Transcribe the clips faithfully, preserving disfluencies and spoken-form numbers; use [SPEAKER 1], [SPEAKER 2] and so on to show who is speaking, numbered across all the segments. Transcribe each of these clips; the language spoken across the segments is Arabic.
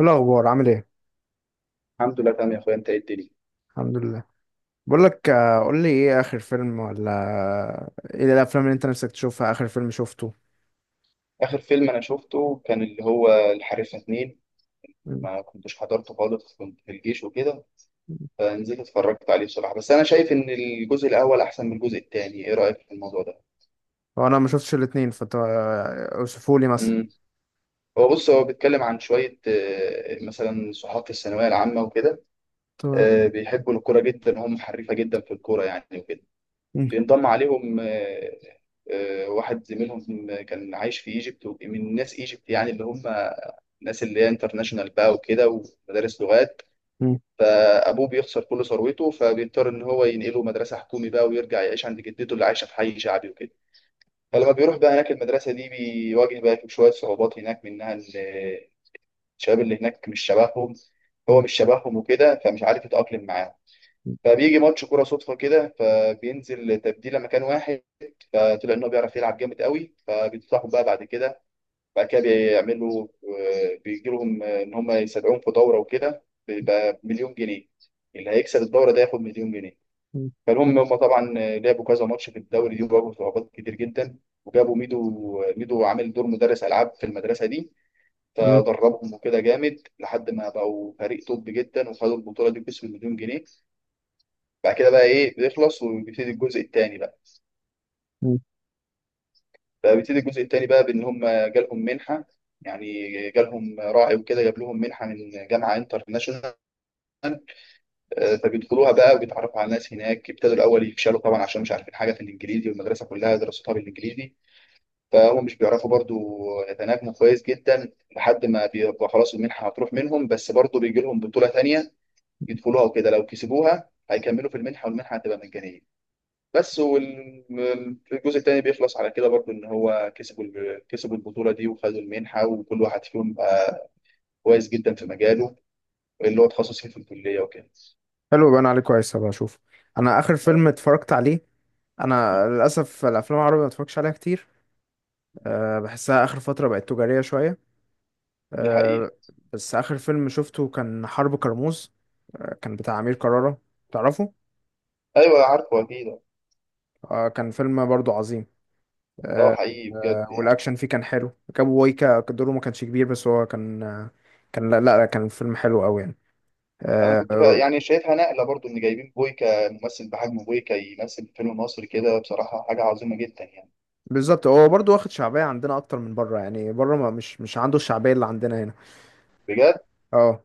[SPEAKER 1] إيه الأخبار عامل إيه؟
[SPEAKER 2] الحمد لله تمام يا اخويا، انت ايه الدنيا؟
[SPEAKER 1] الحمد لله. بقول لك، آه، قول لي إيه آخر فيلم، ولا إيه الأفلام اللي أنت نفسك تشوفها؟ آخر فيلم شفته؟
[SPEAKER 2] اخر فيلم انا شفته كان اللي هو الحريفه اتنين.
[SPEAKER 1] مم.
[SPEAKER 2] ما كنتش حضرته خالص، كنت في الجيش وكده، فنزلت اتفرجت عليه بصراحه. بس انا شايف ان الجزء الاول احسن من الجزء التاني. ايه رايك في الموضوع ده؟
[SPEAKER 1] هو أنا ما شفتش الاتنين، فت أوصفوا لي مثلا.
[SPEAKER 2] امم هو بص هو بيتكلم عن شويه آه، مثلا صحاب في الثانويه العامه وكده.
[SPEAKER 1] تمام.
[SPEAKER 2] آه، بيحبوا الكوره جدا، وهم حريفه جدا في الكوره يعني وكده.
[SPEAKER 1] مم.
[SPEAKER 2] بينضم عليهم آه، آه، واحد زميلهم كان عايش في ايجيبت، من ناس ايجيبت يعني، اللي هم الناس اللي هي انترناشونال بقى وكده ومدارس لغات.
[SPEAKER 1] مم.
[SPEAKER 2] فابوه بيخسر كل ثروته، فبيضطر ان هو ينقله مدرسه حكومي بقى ويرجع يعيش عند جدته اللي عايشه في حي شعبي وكده. فلما بيروح بقى هناك المدرسه دي، بيواجه بقى شويه صعوبات هناك، منها إن الشباب اللي هناك مش شبههم. هو
[SPEAKER 1] مم.
[SPEAKER 2] مش شبههم وكده، فمش عارف يتاقلم معاهم. فبيجي ماتش كوره صدفه كده، فبينزل تبديله مكان واحد، فطلع ان هو بيعرف يلعب جامد قوي، فبينصحهم بقى بعد كده بعد كده بيعملوا آه، بيجي لهم آه، ان هم يستدعوهم في دوره وكده، بيبقى مليون جنيه. اللي هيكسب الدوره ده ياخد مليون جنيه.
[SPEAKER 1] مم.
[SPEAKER 2] فالمهم هم طبعا آه، لعبوا كذا ماتش في الدوري دي، وواجهوا صعوبات كتير جدا. وجابوا ميدو آه، ميدو عامل دور مدرس العاب في المدرسه دي،
[SPEAKER 1] مم.
[SPEAKER 2] فدربهم وكده جامد لحد ما بقوا فريق توب جدا، وخدوا البطوله دي باسم مليون جنيه. بعد كده بقى ايه، بيخلص وبيبتدي الجزء الثاني.
[SPEAKER 1] مم.
[SPEAKER 2] فبيبتدي الجزء التاني بقى بان هم جالهم منحه يعني. جالهم راعي وكده، جاب لهم منحه من جامعه انترناشونال. آه، فبيدخلوها بقى وبيتعرفوا على ناس هناك. ابتدوا الاول يفشلوا طبعا عشان مش عارفين حاجه في الانجليزي، والمدرسه كلها دراستها بالانجليزي. فهم مش بيعرفوا برضو يتناغموا كويس جدا، لحد ما بيبقى خلاص المنحه هتروح منهم، بس برضو بيجي لهم بطوله تانيه يدخلوها وكده. لو كسبوها هيكملوا في المنحه، والمنحه هتبقى مجانيه بس. والجزء التاني بيخلص على كده برضو، ان هو كسبوا ال- كسبوا البطوله دي، وخدوا المنحه، وكل واحد فيهم بقى كويس جدا في مجاله اللي هو تخصص فيه في الكليه وكده.
[SPEAKER 1] حلو، يبقى أنا عليه كويس، هبقى أشوف. أنا آخر
[SPEAKER 2] اه.
[SPEAKER 1] فيلم اتفرجت عليه،
[SPEAKER 2] م.
[SPEAKER 1] أنا للأسف الأفلام العربية ما اتفرجش عليها كتير. أه، بحسها آخر فترة بقت تجارية شوية.
[SPEAKER 2] دي حقيقه.
[SPEAKER 1] أه. بس آخر فيلم شفته كان حرب كرموز. أه، كان بتاع أمير كرارة. تعرفه؟
[SPEAKER 2] ايوه عارفه اكيد.
[SPEAKER 1] آه، كان فيلم برضو عظيم.
[SPEAKER 2] اه
[SPEAKER 1] آه،
[SPEAKER 2] حقيقي بجد
[SPEAKER 1] آه.
[SPEAKER 2] يعني.
[SPEAKER 1] والأكشن فيه كان حلو، كابو وايكا دوره ما كانش كبير، بس هو كان آه، كان لا لا، كان فيلم حلو أوي يعني.
[SPEAKER 2] انا
[SPEAKER 1] آه.
[SPEAKER 2] كنت فا...
[SPEAKER 1] آه.
[SPEAKER 2] يعني شايفها نقله برضو، ان جايبين بويكا. ممثل بحجم بويكا يمثل في فيلم مصري كده، بصراحه حاجه عظيمه جدا يعني.
[SPEAKER 1] بالظبط، هو برضو واخد شعبية عندنا أكتر من بره، يعني بره ما مش مش عنده الشعبية اللي عندنا هنا.
[SPEAKER 2] بجد.
[SPEAKER 1] اه.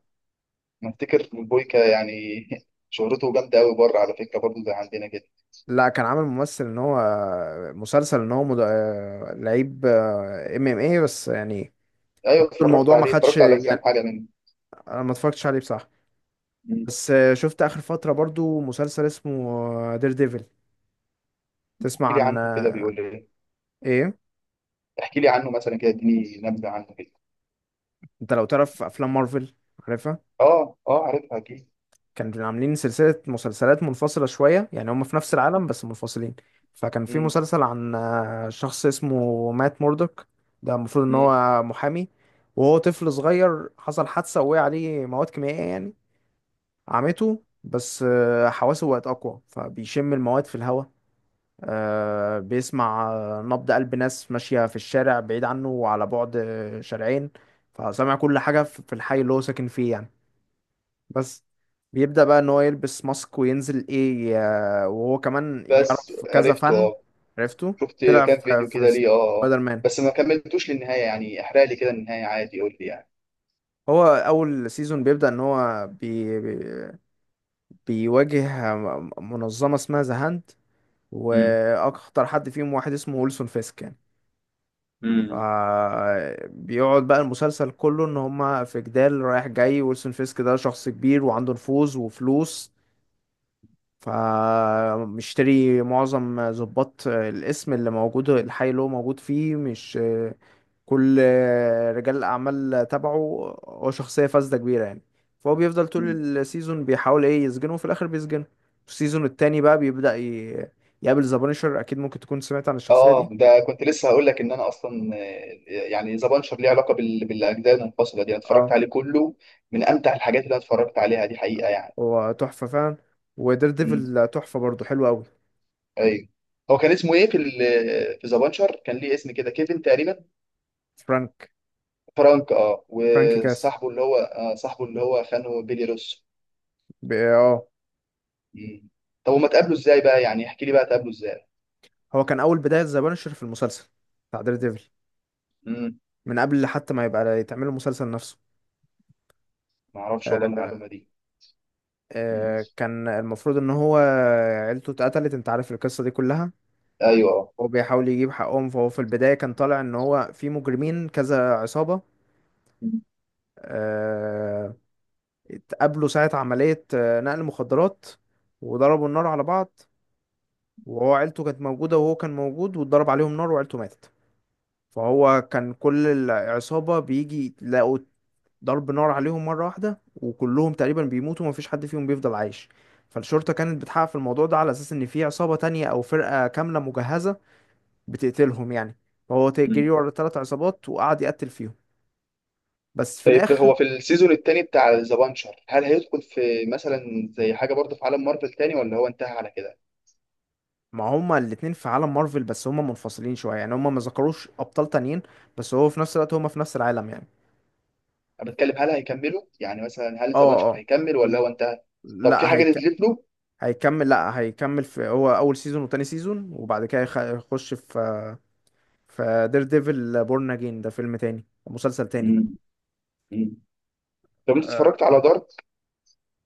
[SPEAKER 2] نفتكر بويكا يعني. شهرته جامده قوي بره على فكره، برضو زي عندنا كده.
[SPEAKER 1] لا، كان عامل ممثل ان هو آه، مسلسل ان هو مد... آه، لعيب آه، ام ام اي، بس يعني
[SPEAKER 2] ايوه اتفرجت
[SPEAKER 1] الموضوع ما
[SPEAKER 2] عليه،
[SPEAKER 1] خدش
[SPEAKER 2] اتفرجت على كام
[SPEAKER 1] يعني.
[SPEAKER 2] حاجه منه.
[SPEAKER 1] انا ما اتفرجتش عليه بصراحة.
[SPEAKER 2] مم.
[SPEAKER 1] بس آه، شفت اخر فترة برضو مسلسل اسمه دير ديفل. تسمع
[SPEAKER 2] احكي لي
[SPEAKER 1] عن
[SPEAKER 2] عنه كده،
[SPEAKER 1] آه،
[SPEAKER 2] بيقول لي إيه؟
[SPEAKER 1] ايه؟
[SPEAKER 2] احكي لي عنه مثلا كده، اديني نبذه عنه كده.
[SPEAKER 1] انت لو تعرف افلام مارفل؟ عارفها.
[SPEAKER 2] اه اه، عارفها اكيد.
[SPEAKER 1] كانوا عاملين سلسله مسلسلات منفصله شويه، يعني هم في نفس العالم بس منفصلين. فكان في
[SPEAKER 2] مم.
[SPEAKER 1] مسلسل عن آه، شخص اسمه مات موردوك. ده المفروض ان
[SPEAKER 2] مم.
[SPEAKER 1] هو محامي. وهو طفل صغير حصل حادثه، وقع عليه مواد كيميائيه يعني عمته، بس آه، حواسه بقت اقوى، فبيشم المواد في الهواء. آه، بيسمع آه، نبض قلب ناس ماشيه في الشارع، بعيد عنه وعلى بعد آه، شارعين. فسمع كل حاجه في في الحي اللي هو ساكن فيه يعني. بس. بيبدأ بقى ان هو يلبس ماسك وينزل ايه. آه، وهو كمان
[SPEAKER 2] بس
[SPEAKER 1] يعرف كذا
[SPEAKER 2] عرفته
[SPEAKER 1] فن.
[SPEAKER 2] اه،
[SPEAKER 1] عرفته.
[SPEAKER 2] شفت
[SPEAKER 1] طلع
[SPEAKER 2] كام
[SPEAKER 1] في
[SPEAKER 2] فيديو
[SPEAKER 1] في
[SPEAKER 2] كده ليه. اه اه.
[SPEAKER 1] سبايدر مان.
[SPEAKER 2] بس ما كملتوش للنهايه يعني، احرق لي كده النهايه عادي، قول لي يعني.
[SPEAKER 1] هو اول سيزون بيبدأ ان هو بي بي- بيواجه منظمة اسمها ذا هاند.
[SPEAKER 2] مم.
[SPEAKER 1] واخطر حد فيهم واحد اسمه ويلسون فيسك يعني. ف-
[SPEAKER 2] مم.
[SPEAKER 1] بيقعد بقى المسلسل كله ان هما في جدال رايح جاي. ويلسون فيسك ده شخص كبير، وعنده نفوذ وفلوس. فمشتري معظم ضباط الاسم اللي موجود الحي اللي هو موجود فيه، مش كل رجال الأعمال تبعه. هو شخصية فاسدة كبيرة يعني. فهو بيفضل طول
[SPEAKER 2] مم.
[SPEAKER 1] السيزون بيحاول ايه يسجنه، وفي الآخر بيسجنه. السيزون التاني بقى بيبدأ ي... يقابل ذا بانشر، أكيد ممكن تكون سمعت عن الشخصية
[SPEAKER 2] اه،
[SPEAKER 1] دي.
[SPEAKER 2] ده كنت لسه هقول لك ان انا اصلا آه، يعني ذا بانشر ليه علاقه بال... بالاجزاء المنفصله دي. انا اتفرجت
[SPEAKER 1] اه.
[SPEAKER 2] عليه كله، من امتع الحاجات اللي انا اتفرجت عليها دي حقيقه يعني.
[SPEAKER 1] هو تحفة فعلا. ودير
[SPEAKER 2] مم.
[SPEAKER 1] ديفل تحفة برضه، حلو أوي.
[SPEAKER 2] ايوه. هو كان اسمه ايه في ال... في ذا بانشر؟ كان ليه اسم كده، كيفن تقريبا.
[SPEAKER 1] فرانك.
[SPEAKER 2] فرانك، اه.
[SPEAKER 1] فرانك كاس.
[SPEAKER 2] وصاحبه اللي هو آه صاحبه اللي هو خانه، بيلي روسو.
[SPEAKER 1] ب... اه.
[SPEAKER 2] مم. طب هما اتقابلوا ازاي بقى يعني؟ احكي لي بقى، اتقابلوا ازاي؟
[SPEAKER 1] هو كان أول بداية ذا بانشر في المسلسل بتاع دير ديفل،
[SPEAKER 2] مم.
[SPEAKER 1] من قبل حتى ما يبقى يتعمل المسلسل نفسه.
[SPEAKER 2] ما اعرفش والله
[SPEAKER 1] آه.
[SPEAKER 2] المعلومه دي. مم.
[SPEAKER 1] آه، كان المفروض ان هو عيلته اتقتلت. انت عارف القصة دي كلها.
[SPEAKER 2] ايوه اه.
[SPEAKER 1] هو بيحاول يجيب حقهم، فهو في البداية كان طالع ان هو في مجرمين، كذا عصابة.
[SPEAKER 2] مم.
[SPEAKER 1] آه. اتقابلوا ساعة عملية آه، نقل مخدرات. وضربوا النار على بعض. وهو عيلته كانت موجودة، وهو كان موجود، واتضرب عليهم نار وعيلته ماتت. فهو كان كل العصابة بيجي يلاقوا ضرب نار عليهم مرة واحدة، وكلهم تقريبا بيموتوا ومفيش حد فيهم بيفضل عايش. فالشرطة كانت بتحقق في الموضوع ده على أساس إن في عصابة تانية أو فرقة كاملة مجهزة بتقتلهم يعني. فهو ت- جري
[SPEAKER 2] مم.
[SPEAKER 1] ورا تلات عصابات وقعد يقتل فيهم. بس في
[SPEAKER 2] طيب،
[SPEAKER 1] الآخر.
[SPEAKER 2] هو في السيزون التاني بتاع ذا بانشر، هل هيدخل في مثلا زي حاجه برضه في عالم مارفل تاني، ولا هو انتهى على كده؟
[SPEAKER 1] ما هما الاتنين في عالم مارفل، بس هما منفصلين شوية يعني، هما ما ذكروش أبطال تانيين. بس هو في نفس الوقت هما في نفس العالم يعني.
[SPEAKER 2] انا بتكلم، هل هيكملوا يعني؟ مثلا هل ذا
[SPEAKER 1] اه
[SPEAKER 2] بانشر
[SPEAKER 1] اه.
[SPEAKER 2] هيكمل ولا
[SPEAKER 1] في-
[SPEAKER 2] هو انتهى؟ طب في
[SPEAKER 1] لا
[SPEAKER 2] حاجه
[SPEAKER 1] هيك...
[SPEAKER 2] نزلت له؟
[SPEAKER 1] هيكمل، لا هيكمل. في هو أول سيزون وتاني سيزون، وبعد كده يخ- يخش في فدير ديفل بورن اجين، ده فيلم تاني، مسلسل تاني.
[SPEAKER 2] مم. مم. طب انت
[SPEAKER 1] آه.
[SPEAKER 2] اتفرجت على دارك؟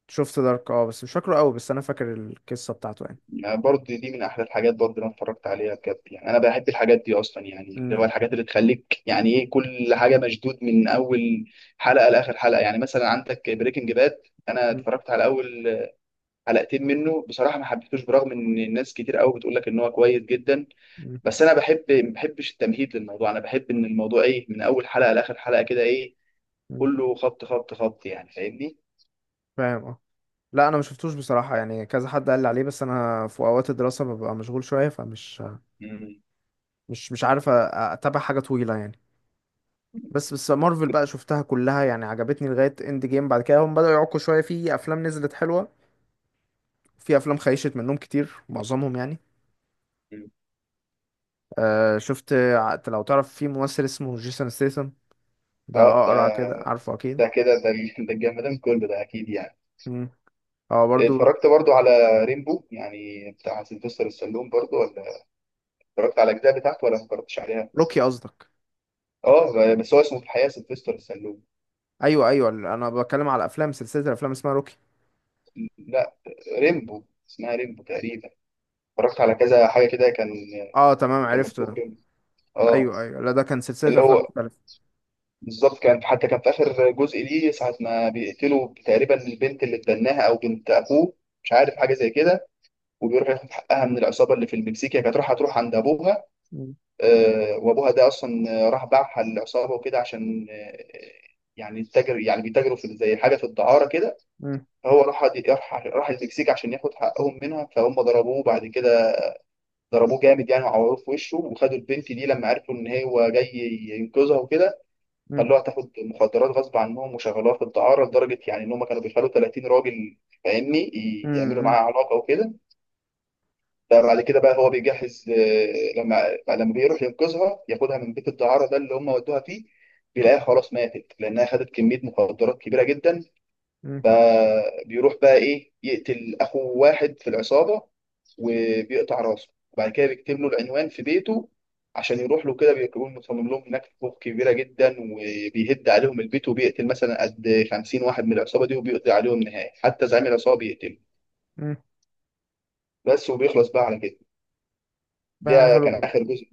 [SPEAKER 1] شفت دارك، اه، بس مش فاكره قوي، بس انا فاكر القصه بتاعته يعني.
[SPEAKER 2] يعني برضه دي من احلى الحاجات برضه اللي انا اتفرجت عليها بجد يعني. انا بحب الحاجات دي اصلا يعني، اللي هو
[SPEAKER 1] مم.
[SPEAKER 2] الحاجات اللي تخليك يعني ايه، كل حاجه مشدود من اول حلقه لاخر حلقه يعني. مثلا عندك بريكنج باد، انا
[SPEAKER 1] مم.
[SPEAKER 2] اتفرجت على اول حلقتين منه بصراحه، ما حبيتوش، برغم ان الناس كتير قوي بتقول لك ان هو كويس جدا.
[SPEAKER 1] مم.
[SPEAKER 2] بس انا بحب ما بحبش التمهيد للموضوع. انا بحب ان الموضوع ايه، من اول حلقه لاخر حلقه كده، ايه،
[SPEAKER 1] مم.
[SPEAKER 2] كله خبط خبط خبط يعني، فاهمني؟
[SPEAKER 1] فاهم اه. لا، انا ما شفتوش بصراحه يعني، كذا حد قال لي عليه، بس انا في اوقات الدراسه ببقى مشغول شويه، فمش
[SPEAKER 2] مم.
[SPEAKER 1] مش مش عارف أ- اتابع حاجه طويله يعني. بس بس مارفل بقى شفتها كلها يعني، عجبتني لغايه اند جيم، بعد كده هم بداوا يعكوا شويه. في افلام نزلت حلوه، في افلام خيشت منهم كتير، معظمهم يعني. آه شفت ع- لو تعرف في ممثل اسمه جيسون ستيثم؟ ده
[SPEAKER 2] اه ده
[SPEAKER 1] اقرع كده، عارفه اكيد.
[SPEAKER 2] ده كده ده ده الجمدان كله ده اكيد يعني.
[SPEAKER 1] مم. اه برضو.
[SPEAKER 2] اتفرجت برضو على ريمبو يعني، بتاع سيلفستر السلوم، برضو ولا؟ اتفرجت على الاجزاء بتاعته ولا ما اتفرجتش عليها؟
[SPEAKER 1] روكي قصدك؟
[SPEAKER 2] اه، بس هو اسمه في الحقيقه سيلفستر السلوم.
[SPEAKER 1] ايوه ايوه، انا بتكلم على افلام، سلسله الافلام اسمها روكي.
[SPEAKER 2] لا، ريمبو، اسمها ريمبو تقريبا. اتفرجت على كذا حاجه كده، كان
[SPEAKER 1] اه تمام،
[SPEAKER 2] كان
[SPEAKER 1] عرفته
[SPEAKER 2] مكتوب
[SPEAKER 1] ده.
[SPEAKER 2] ريمبو. اه.
[SPEAKER 1] ايوه ايوه، لا، ده كان سلسله
[SPEAKER 2] اللي
[SPEAKER 1] افلام
[SPEAKER 2] هو
[SPEAKER 1] مختلفه.
[SPEAKER 2] بالظبط، كان حتى كان في اخر جزء ليه، ساعه ما بيقتلوا تقريبا البنت اللي اتبناها، او بنت اخوه، مش عارف حاجه زي كده، وبيروح ياخد حقها من العصابه اللي في المكسيك. هي كانت رايحه تروح عند ابوها،
[SPEAKER 1] مم.
[SPEAKER 2] آه، وابوها ده اصلا آه، راح باعها للعصابه وكده، عشان آه، يعني التاجر، يعني بيتاجروا في زي حاجه في الدعاره كده.
[SPEAKER 1] مم.
[SPEAKER 2] فهو راح راح راح المكسيك عشان ياخد حقهم منها، فهم ضربوه بعد كده، ضربوه جامد يعني، وعوروه في وشه، وخدوا البنت دي لما عرفوا ان هو جاي ينقذها وكده.
[SPEAKER 1] مم.
[SPEAKER 2] خلوها تاخد مخدرات غصب عنهم، وشغلوها في الدعاره لدرجه يعني، ان هم كانوا بيخلوا ثلاثين راجل، فاهمني، يعملوا
[SPEAKER 1] مم.
[SPEAKER 2] معاها علاقه وكده. ده بعد كده بقى هو بيجهز آه، لما لما بيروح ينقذها ياخدها من بيت الدعارة ده اللي هم ودوها فيه، بيلاقيها خلاص ماتت، لأنها خدت كمية مخدرات كبيرة جدا.
[SPEAKER 1] مم.
[SPEAKER 2] فبيروح بقى إيه، يقتل أخو واحد في العصابة، وبيقطع راسه، وبعد كده بيكتب له العنوان في بيته عشان يروح له كده. بيكون مصمم لهم هناك فوق كبيرة جدا، وبيهد عليهم البيت، وبيقتل مثلا قد خمسين واحد من العصابة دي، وبيقضي عليهم نهائي، حتى زعيم العصابة بيقتله
[SPEAKER 1] مم.
[SPEAKER 2] بس. وبيخلص بقى على كده،
[SPEAKER 1] بقى
[SPEAKER 2] ده
[SPEAKER 1] حلو
[SPEAKER 2] كان
[SPEAKER 1] برضو،
[SPEAKER 2] آخر جزء.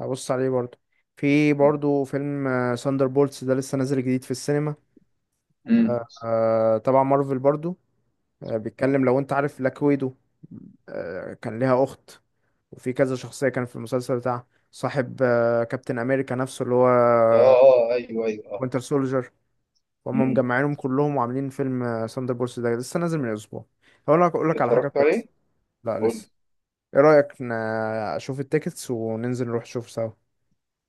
[SPEAKER 1] هبص عليه برضو. في برضو فيلم، ساندر بولتس، ده لسه نازل جديد في السينما.
[SPEAKER 2] امم
[SPEAKER 1] آه آه، طبعا مارفل برضو. آه، بيتكلم لو انت عارف بلاك ويدو، آه، كان ليها اخت. وفي كذا شخصيه كان في المسلسل بتاع صاحب آه، كابتن امريكا نفسه، اللي هو
[SPEAKER 2] اه اه، ايوه ايوه، اه.
[SPEAKER 1] وينتر سولجر. وهم
[SPEAKER 2] امم
[SPEAKER 1] مجمعينهم كلهم وعاملين فيلم آه، ثاندر بولس، ده لسه نازل من اسبوع. هقول لك اقول لك على حاجه
[SPEAKER 2] اتفرجت
[SPEAKER 1] كويسه.
[SPEAKER 2] عليه؟
[SPEAKER 1] لا
[SPEAKER 2] قول
[SPEAKER 1] لسه.
[SPEAKER 2] لي.
[SPEAKER 1] ايه رايك، ن- اشوف التيكتس وننزل نروح نشوف سوا؟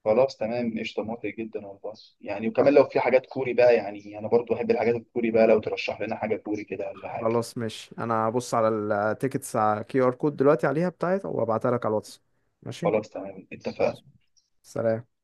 [SPEAKER 2] خلاص تمام، قشطه، موافق جدا والله. يعني
[SPEAKER 1] خل-
[SPEAKER 2] وكمان لو في حاجات كوري بقى، يعني انا برضو بحب الحاجات الكوري بقى، لو ترشح لنا حاجه كوري كده ولا حاجه.
[SPEAKER 1] خلاص ماشي، انا هبص على التيكتس على كيو ار كود دلوقتي، عليها بتاعت، وابعتها لك على الواتس. ماشي.
[SPEAKER 2] خلاص تمام،
[SPEAKER 1] خلاص.
[SPEAKER 2] اتفقنا.
[SPEAKER 1] سلام.